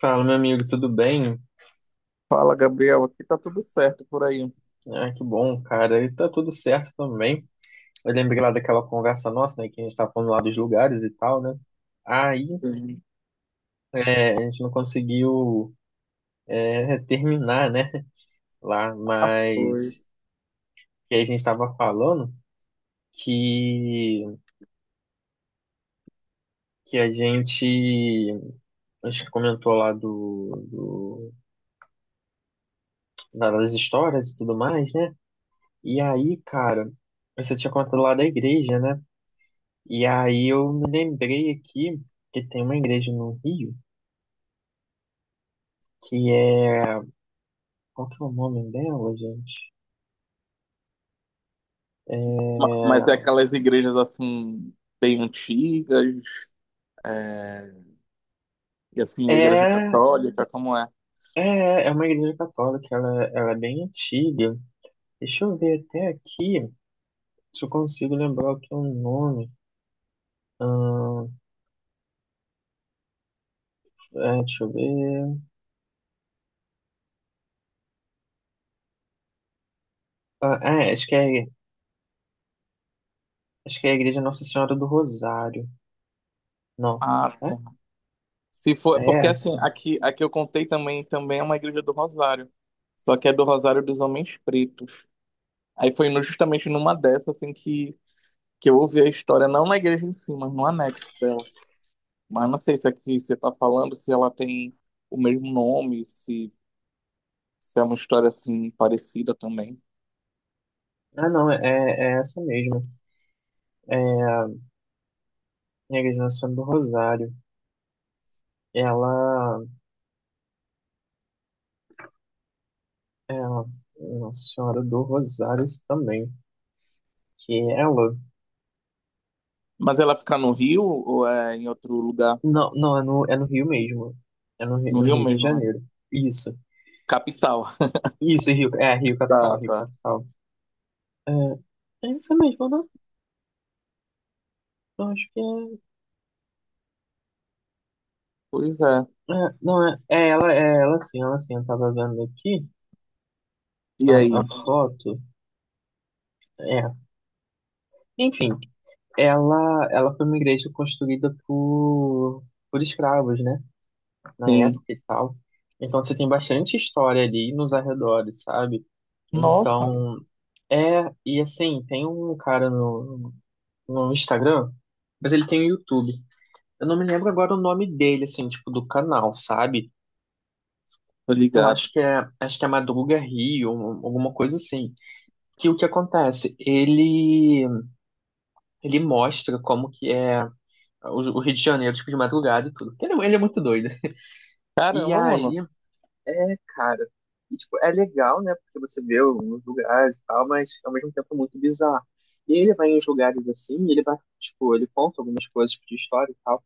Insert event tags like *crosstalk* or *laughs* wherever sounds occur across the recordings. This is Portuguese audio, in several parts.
Fala, meu amigo, tudo bem? Fala, Gabriel. Aqui tá tudo certo por aí. Ah, que bom, cara. E tá tudo certo também. Eu lembrei lá daquela conversa nossa, né, que a gente tava falando lá dos lugares e tal, né? Aí, Sim, a gente não conseguiu, terminar, né, lá, já foi. mas que a gente tava falando que, que a gente comentou lá das histórias e tudo mais, né? E aí, cara, você tinha contado lá da igreja, né? E aí eu me lembrei aqui que tem uma igreja no Rio que é. Qual que é o nome dela, gente? É, Mas é aquelas igrejas assim, bem antigas, é, e assim, a igreja é, católica, como é? é uma igreja católica, ela é bem antiga. Deixa eu ver até aqui se eu consigo lembrar o que é o nome. Ahn, deixa eu ver. Ah, acho que é a Igreja Nossa Senhora do Rosário. Não. Ah, É, tá. Se for, é é porque assim, essa. aqui eu contei também, também é uma igreja do Rosário, só que é do Rosário dos Homens Pretos. Aí foi no- justamente numa dessas, assim, que eu ouvi a história, não na igreja em si, mas no anexo dela. Mas não sei se aqui você tá falando, se ela tem o mesmo nome, se se é uma história assim parecida também. Ah, não, é essa mesmo. É a Igreja Nossa Senhora do Rosário. Ela Ela, Nossa Senhora do Rosários também. Que é ela. Mas ela fica no Rio ou é em outro lugar? Não, não, é no Rio mesmo. É no, Rio No no Rio Rio de mesmo, né? Janeiro. Isso. Capital. *laughs* Isso, Rio. É, Rio Capital, Tá, Rio tá. Capital. É, é isso mesmo, né? Eu acho que Pois é. é. É, não, é, é ela, ela sim. Eu tava vendo aqui E a, a aí? foto. É. Enfim, ela foi uma igreja construída por escravos, né, na época Sim. e tal. Então você tem bastante história ali nos arredores, sabe? Nossa, Então, é, e assim, tem um cara no Instagram, mas ele tem o YouTube. Eu não me lembro agora o nome dele, assim, tipo, do canal, sabe? tô Eu ligado. Acho que é Madruga Rio, um, alguma coisa assim. Que o que acontece? Ele mostra como que é o Rio de Janeiro, tipo, de madrugada e tudo. Ele é muito doido. E Caramba, aí, mano. é, cara. E, tipo, é legal, né? Porque você vê os lugares e tal, mas ao mesmo tempo é muito bizarro. E ele vai em uns lugares assim, e ele vai, tipo, ele conta algumas coisas tipo, de história e tal.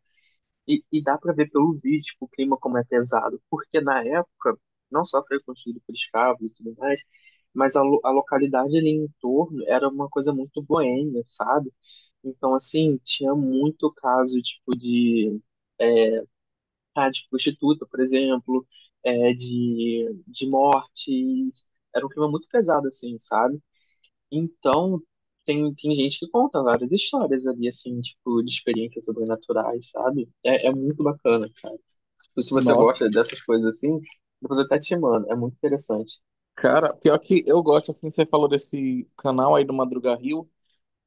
E dá pra ver pelo vídeo, tipo, o clima como é pesado. Porque na época, não só foi construído por escravos e tudo mais, mas a localidade ali em torno era uma coisa muito boêmia, sabe? Então, assim, tinha muito caso, tipo, de tá, de prostituta, por exemplo, é, de mortes. Era um clima muito pesado, assim, sabe? Então, tem gente que conta várias histórias ali, assim, tipo, de experiências sobrenaturais, sabe? É, é muito bacana, cara. Tipo, se você Nossa. gosta dessas coisas assim, depois eu até te mando. É muito interessante. Cara, pior que eu gosto, assim, você falou desse canal aí do Madruga Rio.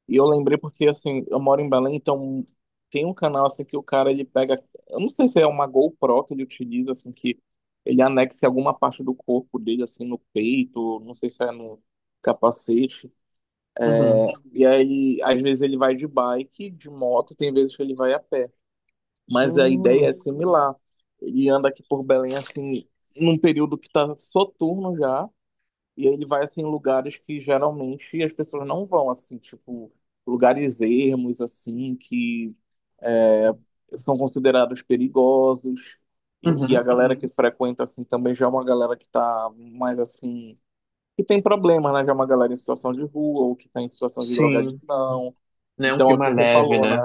E eu lembrei porque, assim, eu moro em Belém, então tem um canal, assim, que o cara, ele pega... Eu não sei se é uma GoPro que ele utiliza, assim, que ele anexa em alguma parte do corpo dele, assim, no peito, não sei se é no capacete. Uhum. E aí, às vezes ele vai de bike, de moto, tem vezes que ele vai a pé. Mas a ideia Hum, é similar. Ele anda aqui por Belém, assim, num período que tá soturno já, e ele vai assim em lugares que geralmente as pessoas não vão, assim, tipo, lugares ermos, assim, que são considerados perigosos e que a uhum. galera que Uhum. frequenta, assim, também já é uma galera que tá mais, assim, que tem problemas, né? Já é uma galera em situação de rua ou que tá em situação de Sim. drogadição. Né? Um Então, é o clima que você leve, falou, né? né?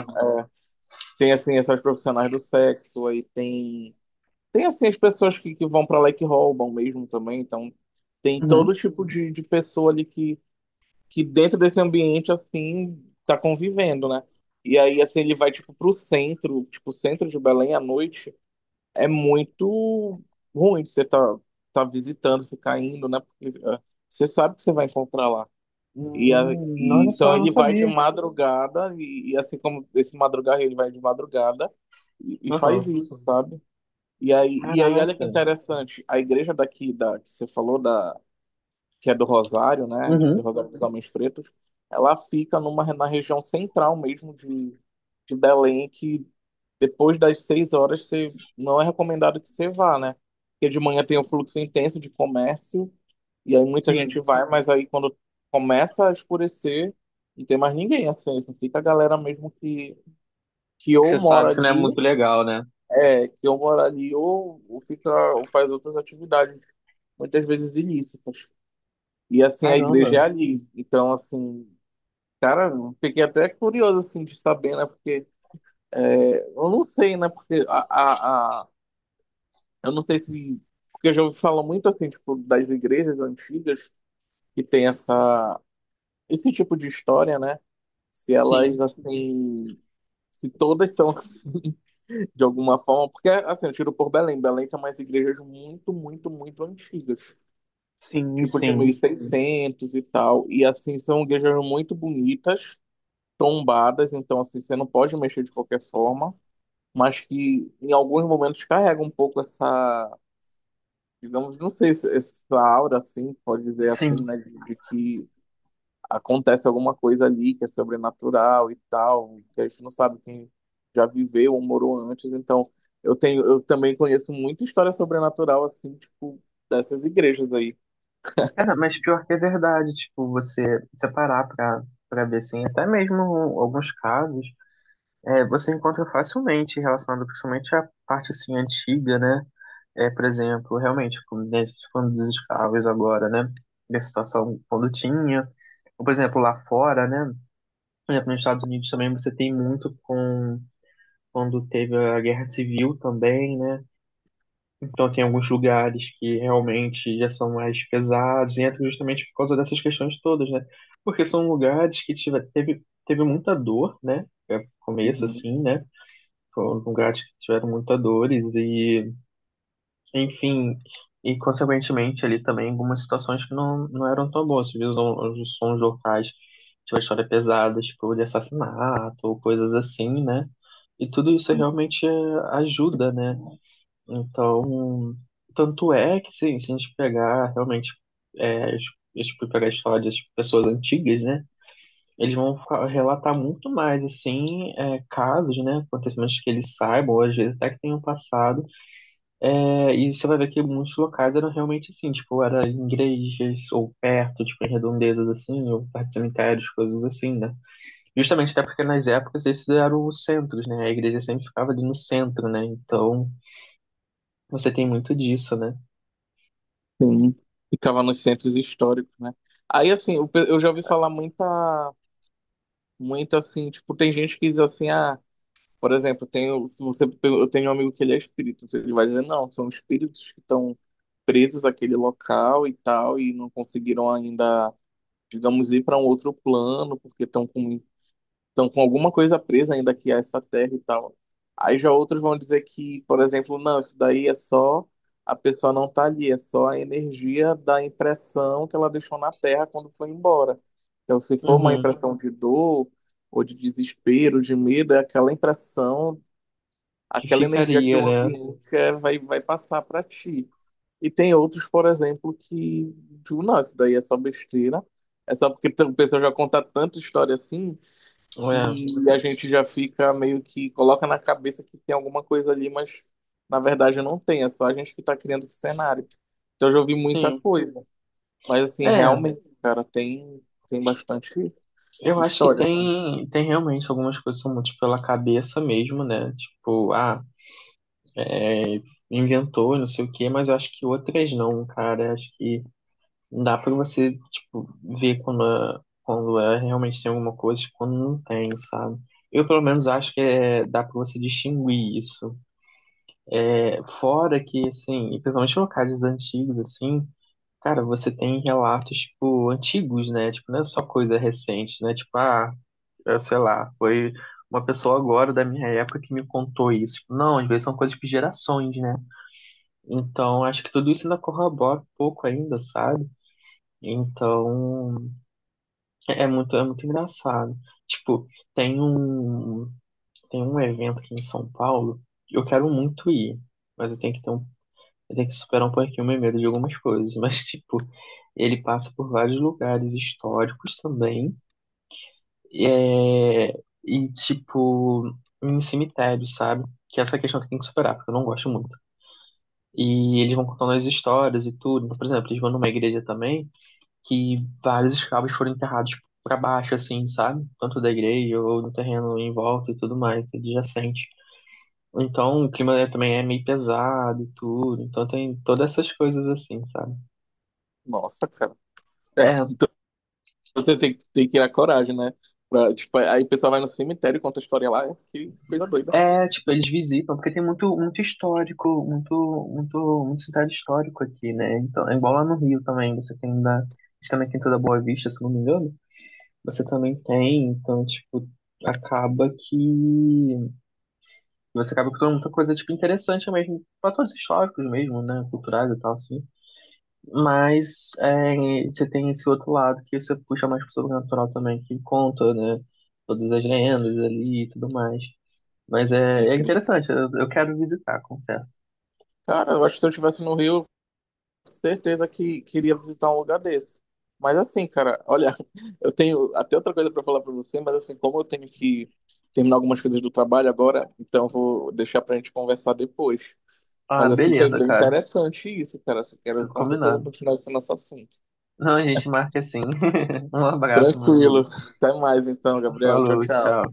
Tem, assim, essas profissionais do sexo, aí tem... Tem, assim, as pessoas que vão pra lá e que roubam mesmo também, então... Tem todo Uhum. tipo de pessoa ali que dentro desse ambiente, assim, tá convivendo, né? E aí, assim, ele vai, tipo, pro centro, tipo, o centro de Belém à noite, é muito ruim de você tá, tá visitando, ficar indo, né? Porque você sabe que você vai encontrar lá. E, a- e Olha só, então eu não ele vai de sabia. madrugada, e assim como esse madrugar, ele vai de madrugada e faz Aham. isso, sabe? E aí, olha que Caraca. interessante, a igreja daqui, que você falou, da que é do Rosário, né? Esse Uhum. Rosário dos Homens Pretos, ela fica na região central mesmo de Belém, que depois das 6 horas você, não é recomendado que você vá, né? Porque de manhã tem um fluxo intenso de comércio, e aí muita Sim. gente vai, mas aí quando começa a escurecer, não tem mais ninguém, assim, só fica a galera mesmo que Que ou você mora sabe que não é ali, muito legal, né? é, que ou mora ali, ou fica, ou faz outras atividades, muitas vezes ilícitas. E assim, a Caramba. igreja é ali. Então, assim, cara, eu fiquei até curioso assim de saber, né? Porque eu não sei, né? Porque a, a- eu não sei se. Porque eu já ouvi falar muito assim, tipo, das igrejas antigas que tem esse tipo de história, né? Se Sim, elas assim. Se todas são *laughs* assim, de alguma forma. Porque, assim, eu tiro por Belém. Belém tem umas igrejas muito, muito, muito antigas. sim, Tipo de mil sim, e seiscentos e tal. E, assim, são igrejas muito bonitas tombadas, então assim, você não pode mexer de qualquer forma, mas que em alguns momentos carrega um pouco essa, digamos, não sei, essa aura assim, pode dizer sim. assim, né, de que acontece alguma coisa ali que é sobrenatural e tal, que a gente não sabe quem já viveu ou morou antes, então eu também conheço muita história sobrenatural assim, tipo, dessas igrejas aí. Cara, mas pior que é verdade, tipo, você separar pra ver, assim, até mesmo alguns casos, é, você encontra facilmente relacionado principalmente à parte, assim, antiga, né? É, por exemplo, realmente, como né, falando dos escravos agora, né? Da situação quando tinha. Ou, por exemplo, lá fora, né? Por exemplo, nos Estados Unidos também você tem muito com quando teve a Guerra Civil também, né? Então, tem alguns lugares que realmente já são mais pesados, e entra justamente por causa dessas questões todas, né? Porque são lugares que teve muita dor, né? É o começo, Uhum. assim, né? Foram lugares que tiveram muita dores, e, enfim, e consequentemente ali também algumas situações que não eram tão boas. Você viu os sons locais, tinha uma história pesada, tipo de assassinato ou coisas assim, né? E tudo isso realmente é, ajuda, né? Então, tanto é que sim, se a gente pegar realmente, é, a gente pegar a história das pessoas antigas, né? Eles vão relatar muito mais, assim, é, casos, né? Acontecimentos que eles saibam, ou às vezes até que tenham passado. É, e você vai ver que muitos locais eram realmente assim, tipo, era em igrejas, ou perto, tipo, em redondezas, assim, ou perto de cemitérios, coisas assim, né? Justamente até porque nas épocas esses eram os centros, né? A igreja sempre ficava ali no centro, né? Então, você tem muito disso, né? Sim. Ficava nos centros históricos, né? Aí, assim, eu já ouvi falar muita muito assim, tipo, tem gente que diz assim, ah, por exemplo, tenho, se você, eu tenho um amigo que ele é espírito, então ele vai dizer, não, são espíritos que estão presos àquele local e tal, e não conseguiram ainda, digamos, ir para um outro plano, porque estão com alguma coisa presa ainda aqui a essa terra e tal. Aí já outros vão dizer que, por exemplo, não, isso daí é só a pessoa não tá ali, é só a energia da impressão que ela deixou na terra quando foi embora. Então, se for uma Uhum, impressão de dor ou de desespero, de medo, é aquela impressão, que aquela energia que ficaria, o né? ambiente vai, vai passar para ti. E tem outros, por exemplo, que, tipo, não, isso daí é só besteira. É só porque o pessoal já conta tanta história assim É, que a gente já fica meio que coloca na cabeça que tem alguma coisa ali, mas na verdade não tem, é só a gente que está criando esse cenário. Então eu já ouvi muita sim. coisa, mas assim, É, realmente, cara, tem bastante eu acho que história assim. tem, tem realmente algumas coisas que são muito pela cabeça mesmo, né? Tipo, ah, é, inventou, não sei o quê, mas eu acho que outras não, cara. Eu acho que não dá pra você, tipo, ver quando é, realmente tem alguma coisa e quando não tem, sabe? Eu, pelo menos, acho que é, dá pra você distinguir isso. É, fora que, assim, e principalmente locais antigos, assim. Cara, você tem relatos, tipo, antigos, né? Tipo, não é só coisa recente, né? Tipo, ah, eu sei lá, foi uma pessoa agora da minha época que me contou isso. Tipo, não, às vezes são coisas de gerações, né? Então, acho que tudo isso ainda corrobora um pouco ainda, sabe? Então, é muito engraçado. Tipo, tem um, tem um evento aqui em São Paulo, que eu quero muito ir, mas eu tenho que ter um ele tem que superar um pouquinho o meu medo de algumas coisas, mas, *laughs* tipo, ele passa por vários lugares históricos também, e, é, e tipo, em cemitérios, sabe? Que é essa questão que tem que superar, porque eu não gosto muito. E eles vão contando as histórias e tudo. Então, por exemplo, eles vão numa igreja também que vários escravos foram enterrados pra baixo, assim, sabe? Tanto da igreja ou no terreno em volta e tudo mais, adjacente. Então, o clima também é meio pesado e tudo. Então, tem todas essas coisas assim, sabe? Nossa, cara. É, É, então você tem, tem que criar coragem, né? Pra, tipo, aí o pessoal vai no cemitério e conta a história lá, é que coisa doida. é, tipo, eles visitam, porque tem muito, muito histórico, muito cidade histórico aqui, né? Então, é igual lá no Rio também, você tem da, acho que é na Quinta da Boa Vista, se não me engano, você também tem, então, tipo, acaba que você acaba com muita coisa, tipo, interessante mesmo, fatores históricos mesmo, né? Culturais e tal, assim. Mas é, você tem esse outro lado que você puxa mais pro sobrenatural também, que conta, né? Todas as lendas ali e tudo mais. Mas é, E, é interessante, eu quero visitar, confesso. cara, eu acho que se eu estivesse no Rio, certeza que queria visitar um lugar desse. Mas assim, cara, olha, *laughs* eu tenho até outra coisa para falar para você, mas assim, como eu tenho que terminar algumas coisas do trabalho agora, então eu vou deixar pra gente conversar depois. Ah, Mas assim, foi beleza, bem cara. interessante isso, cara. Assim, quero Tudo com certeza combinado. continuar esse nosso assunto. Não, a gente marca assim. *laughs* Um abraço, meu amigo. Tranquilo. *laughs* Até mais então, Gabriel. Tchau, Falou, tchau. tchau.